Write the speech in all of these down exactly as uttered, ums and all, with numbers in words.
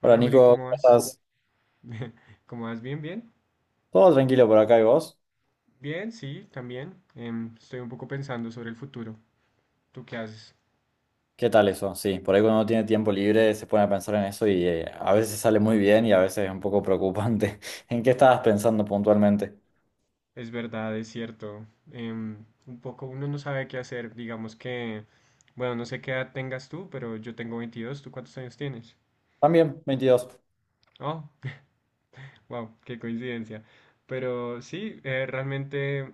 Hola Hola Juli, Nico, ¿cómo ¿cómo vas? estás? ¿Cómo vas? ¿Bien, bien? Todo tranquilo por acá y vos. Bien, sí, también. Em, estoy un poco pensando sobre el futuro. ¿Tú qué haces? ¿Qué tal eso? Sí, por ahí cuando uno tiene tiempo libre se pone a pensar en eso y eh, a veces sale muy bien y a veces es un poco preocupante. ¿En qué estabas pensando puntualmente? Es verdad, es cierto. Em, un poco uno no sabe qué hacer. Digamos que, bueno, no sé qué edad tengas tú, pero yo tengo veintidós. ¿Tú cuántos años tienes? También, veintidós. Oh, wow, qué coincidencia. Pero sí, eh, realmente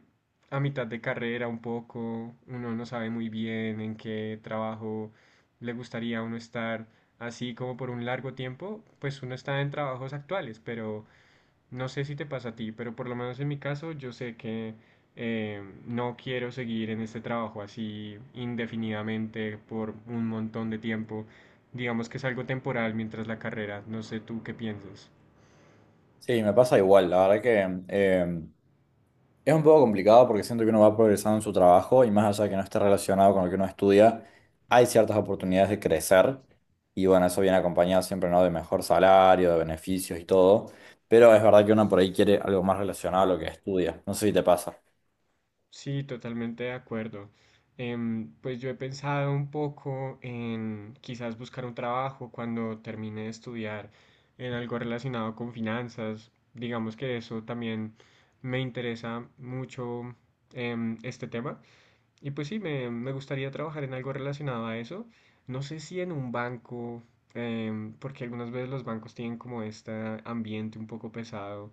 a mitad de carrera un poco, uno no sabe muy bien en qué trabajo le gustaría a uno estar, así como por un largo tiempo, pues uno está en trabajos actuales, pero no sé si te pasa a ti, pero por lo menos en mi caso yo sé que eh, no quiero seguir en este trabajo así indefinidamente por un montón de tiempo. Digamos que es algo temporal mientras la carrera, no sé tú qué piensas. Sí, me pasa igual. La verdad que eh, es un poco complicado porque siento que uno va progresando en su trabajo y más allá de que no esté relacionado con lo que uno estudia, hay ciertas oportunidades de crecer y bueno, eso viene acompañado siempre, ¿no? De mejor salario, de beneficios y todo, pero es verdad que uno por ahí quiere algo más relacionado a lo que estudia, no sé si te pasa. Sí, totalmente de acuerdo. Em, pues yo he pensado un poco en quizás buscar un trabajo cuando termine de estudiar en algo relacionado con finanzas. Digamos que eso también me interesa mucho em, este tema. Y pues sí, me, me gustaría trabajar en algo relacionado a eso. No sé si en un banco, em, porque algunas veces los bancos tienen como este ambiente un poco pesado.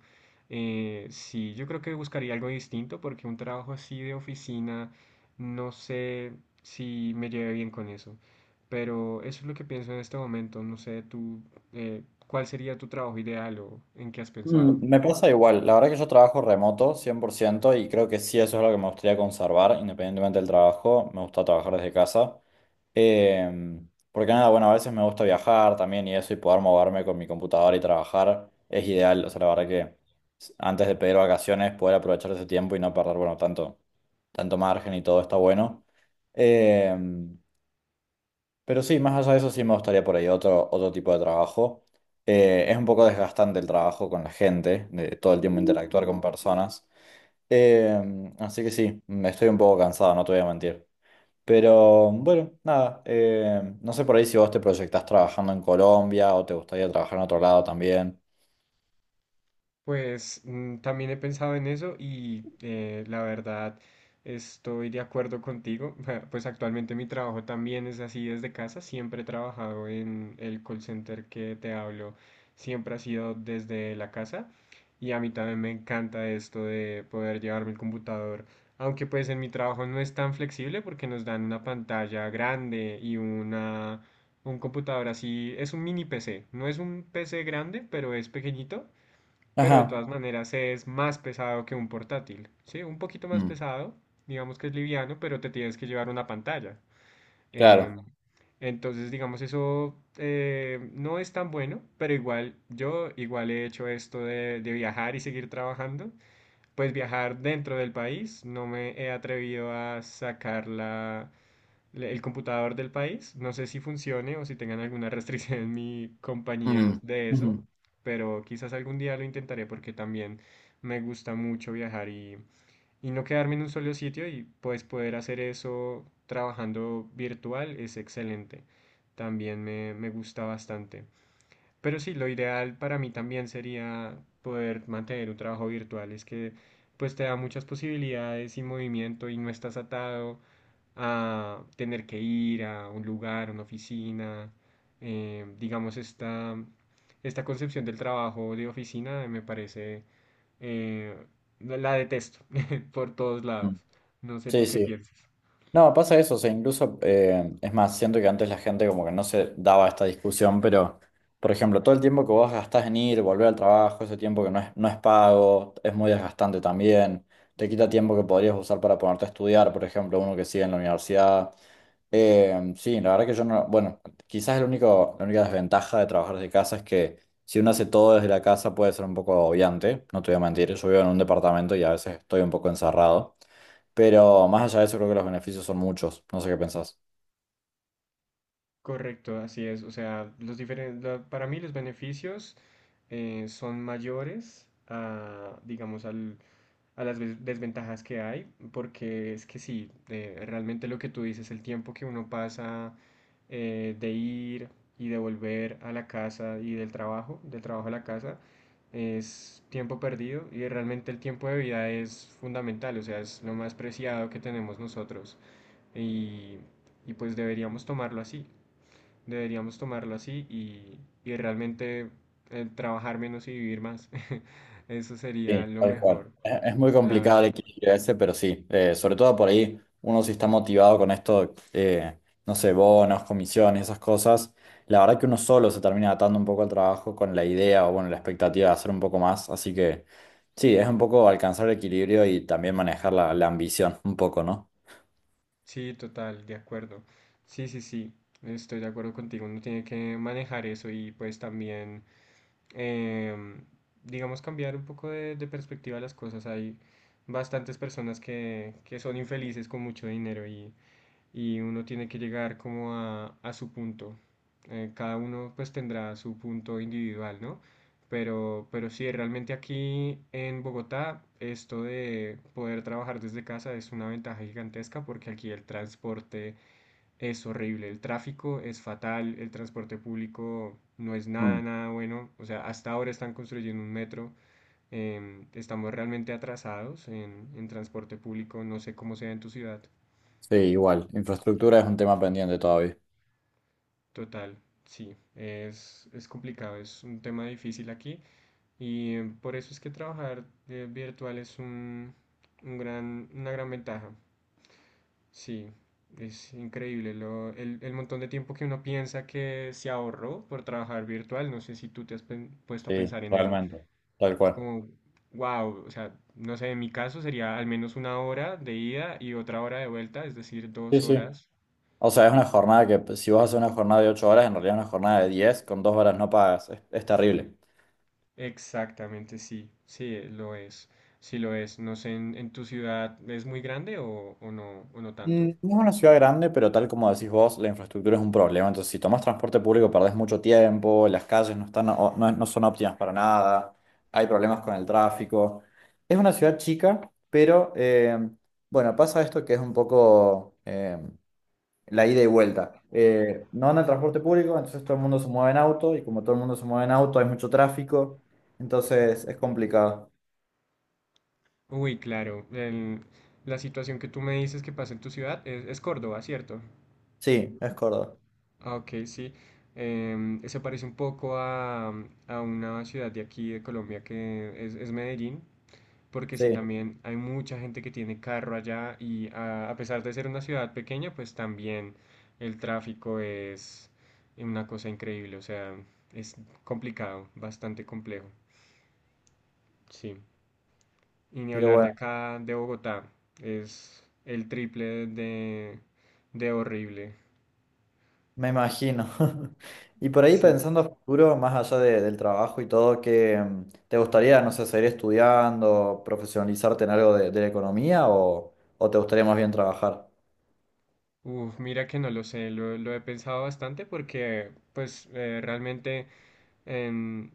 Eh, sí, yo creo que buscaría algo distinto porque un trabajo así de oficina, no sé si me lleve bien con eso. Pero eso es lo que pienso en este momento. No sé, tú, eh, ¿cuál sería tu trabajo ideal o en qué has pensado? Mm, me pasa igual, la verdad que yo trabajo remoto cien por ciento y creo que sí, eso es lo que me gustaría conservar, independientemente del trabajo, me gusta trabajar desde casa. Em, porque nada, bueno, a veces me gusta viajar también y eso y poder moverme con mi computadora y trabajar es ideal, o sea, la verdad que s- antes de pedir vacaciones poder aprovechar ese tiempo y no perder, bueno, tanto, tanto margen y todo está bueno. Em, pero sí, más allá de eso sí me gustaría por ahí otro, otro tipo de trabajo. Eh, es un poco desgastante el trabajo con la gente, de todo el tiempo interactuar con personas. Eh, Así que sí, me estoy un poco cansado, no te voy a mentir. Pero bueno, nada, eh, no sé por ahí si vos te proyectás trabajando en Colombia o te gustaría trabajar en otro lado también. Pues mm, también he pensado en eso y eh, la verdad estoy de acuerdo contigo. Pues actualmente mi trabajo también es así desde casa. Siempre he trabajado en el call center que te hablo. Siempre ha sido desde la casa y a mí también me encanta esto de poder llevarme el computador. Aunque pues en mi trabajo no es tan flexible porque nos dan una pantalla grande y una, un computador así. Es un mini P C. No es un P C grande, pero es pequeñito, pero de todas Ajá, maneras es más pesado que un portátil, ¿sí? Un poquito más mm, pesado, digamos que es liviano, pero te tienes que llevar una pantalla. Em, claro. entonces, digamos, eso eh, no es tan bueno, pero igual yo igual he hecho esto de, de viajar y seguir trabajando. Pues viajar dentro del país, no me he atrevido a sacar la, le- el computador del país. No sé si funcione o si tengan alguna restricción en mi compañía Mm, de eso, ujú, pero quizás algún día lo intentaré porque también me gusta mucho viajar y, y no quedarme en un solo sitio y pues poder hacer eso trabajando virtual es excelente. También me, me gusta bastante. Pero sí, lo ideal para mí también sería poder mantener un trabajo virtual. Es que pues te da muchas posibilidades y movimiento y no estás atado a tener que ir a un lugar, una oficina. Eh, digamos, esta, esta concepción del trabajo de oficina me parece, eh, la la detesto por todos mm. lados. No sé Sí, tú qué sí. piensas. No, pasa eso, o sea, incluso, eh, es más, siento que antes la gente como que no se daba esta discusión, pero, por ejemplo, todo el tiempo que vos gastás en ir, volver al trabajo, ese tiempo que no es, no es pago, es muy desgastante también, te quita tiempo que podrías usar para ponerte a estudiar, por ejemplo, uno que sigue en la universidad. Eh, sí, la verdad que yo no, bueno, quizás el único, la única desventaja de trabajar desde casa es que si uno hace todo desde la casa puede ser un poco agobiante, no te voy a mentir, yo vivo en un departamento y a veces estoy un poco encerrado. Pero más allá de eso, creo que los beneficios son muchos. No sé qué pensás. Correcto, así es. O sea, los diferen- la- para mí los beneficios eh, son mayores a, digamos, al, a las ves- desventajas que hay, porque es que sí, eh, realmente lo que tú dices, el tiempo que uno pasa eh, de ir y de volver a la casa y del trabajo, del trabajo a la casa, es tiempo perdido y realmente el tiempo de vida es fundamental, o sea, es lo más preciado que tenemos nosotros y, y pues deberíamos tomarlo así, deberíamos tomarlo así y, y realmente eh, trabajar menos y vivir más, eso sería Sí, lo tal cual. mejor, Es, es muy la complicado el verdad. equilibrio ese, pero sí. Eh, sobre todo por ahí, uno si está motivado con esto, eh, no sé, bonos, comisiones, esas cosas. La verdad que uno solo se termina atando un poco al trabajo con la idea o, bueno, la expectativa de hacer un poco más. Así que sí, es un poco alcanzar el equilibrio y también manejar la, la ambición un poco, ¿no? Sí, total, de acuerdo. Sí, sí, sí, estoy de acuerdo contigo. Uno tiene que manejar eso y pues también, em, digamos, cambiar un poco de, de perspectiva a las cosas. Hay bastantes personas que, que son infelices con mucho dinero y y uno tiene que llegar como a, a su punto. Eh, cada uno pues tendrá su punto individual, ¿no? Pero, pero sí, realmente aquí en Bogotá esto de poder trabajar desde casa es una ventaja gigantesca porque aquí el transporte es horrible, el tráfico es fatal, el transporte público no es Mm. nada, nada bueno. O sea, hasta ahora están construyendo un metro, em, estamos realmente atrasados en, en transporte público, no sé cómo sea en tu ciudad. Sí, igual. Infraestructura es un tema pendiente todavía. Total, sí, es, es complicado, es un tema difícil aquí y eh, por eso es que trabajar eh, virtual es un, un gran, una gran ventaja. Sí, es increíble lo, el, el montón de tiempo que uno piensa que se ahorró por trabajar virtual. No sé si tú te has pen- puesto a Sí, pensar en eso. realmente. Tal Es cual. como, wow, o sea, no sé, en mi caso sería al menos una hora de ida y otra hora de vuelta, es decir, Sí, dos sí. horas. O sea, es una jornada que pues, si vos haces una jornada de ocho horas, en realidad es una jornada de diez con dos horas no pagas. Es, es terrible. Exactamente, sí, sí, eh, lo es, sí lo es. No sé, ¿en, en tu ciudad es muy grande o, o no, o no tanto? Mm, no es una ciudad grande, pero tal como decís vos, la infraestructura es un problema. Entonces, si tomás transporte público, perdés mucho tiempo, las calles no están, o- no, no son óptimas para nada, hay problemas con el tráfico. Es una ciudad chica, pero eh, bueno, pasa esto que es un poco... eh, la ida y vuelta. Eh, no anda el transporte público, entonces todo el mundo se mueve en auto y como todo el mundo se mueve en auto hay mucho tráfico, entonces es complicado. Uy, claro, el- la situación que tú me dices que pasa en tu ciudad es, es Córdoba, ¿cierto? Sí, es Córdoba. Ah, ok, sí. Em, se parece un poco a, a una ciudad de aquí de Colombia que es, es Medellín. Porque sí, Sí, también hay mucha gente que tiene carro allá y a, a pesar de ser una ciudad pequeña, pues también el tráfico es una cosa increíble, o sea, es complicado, bastante complejo, sí. Y ni pero hablar de bueno, acá, de Bogotá, es el triple de, de horrible. me imagino. Y por ahí Sí. pensando a futuro, más allá de- del trabajo y todo, ¿qué mm, te gustaría, no sé, seguir estudiando, profesionalizarte en algo de, de la economía o, o te gustaría más bien trabajar? Uf, mira que no lo sé, lo, lo he pensado bastante porque pues eh, realmente... en,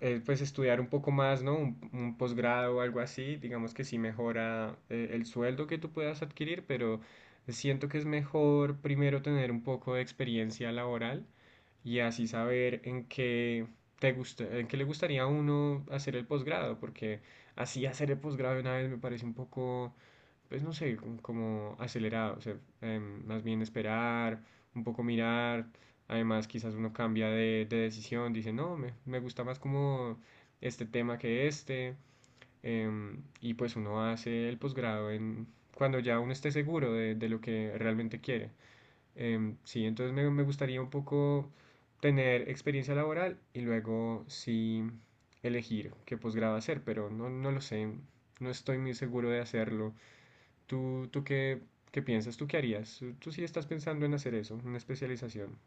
eh, pues estudiar un poco más, ¿no? Un, un posgrado o algo así, digamos que sí mejora eh, el sueldo que tú puedas adquirir, pero siento que es mejor primero tener un poco de experiencia laboral y así saber en qué te gusta, en qué le gustaría a uno hacer el posgrado, porque así hacer el posgrado de una vez me parece un poco pues no sé, como, como acelerado, o sea, em, más bien esperar, un poco mirar, además quizás uno cambia de, de decisión, dice, no, me, me gusta más como este tema que este, em, y pues uno hace el posgrado en, cuando ya uno esté seguro de, de lo que realmente quiere. Em, sí, entonces me, me gustaría un poco tener experiencia laboral y luego sí elegir qué posgrado hacer, pero no, no lo sé, no estoy muy seguro de hacerlo. ¿Tú, tú qué, qué piensas? ¿Tú qué harías? ¿Tú, tú sí estás pensando en hacer eso, una especialización?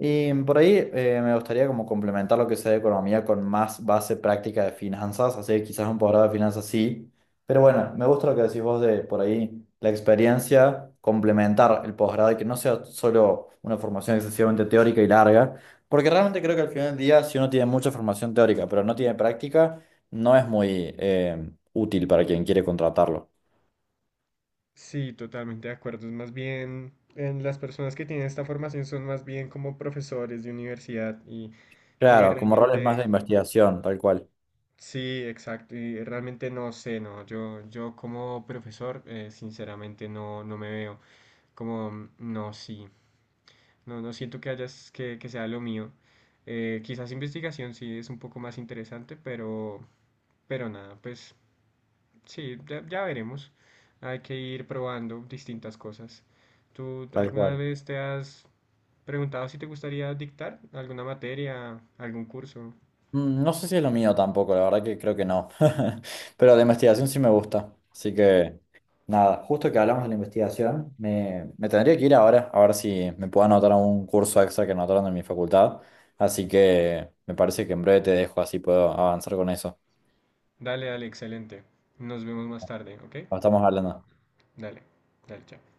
Y por ahí eh, me gustaría como complementar lo que sea de economía con más base práctica de finanzas, así que quizás un posgrado de finanzas sí, pero bueno, me gusta lo que decís vos de por ahí la experiencia, complementar el posgrado y que no sea solo una formación excesivamente teórica y larga, porque realmente creo que al final del día si uno tiene mucha formación teórica pero no tiene práctica, no es muy eh, útil para quien quiere contratarlo. Sí, totalmente de acuerdo. Es más bien, en las personas que tienen esta formación son más bien como profesores de universidad y, y Claro, como roles más de realmente, investigación, tal cual, sí, exacto. Y realmente no sé, no. Yo, yo como profesor, eh, sinceramente no, no me veo como, mm, no, sí. No, no siento que hayas, que, que sea lo mío. Eh, quizás investigación sí es un poco más interesante, pero, pero nada, pues sí, ya, ya veremos. Hay que ir probando distintas cosas. ¿Tú tal alguna cual. vez te has preguntado si te gustaría dictar alguna materia, algún curso? Mm, no sé si es lo mío tampoco, la verdad que creo que no. Pero la investigación sí me gusta. Así que, nada, justo que hablamos de la investigación, me, me tendría que ir ahora, a ver si me puedo anotar a un curso extra que anotaron en mi facultad. Así que me parece que en breve te dejo, así puedo avanzar con eso. Dale, dale, excelente. Nos vemos más tarde, ¿ok? Nos estamos hablando. Dale, dale, chao.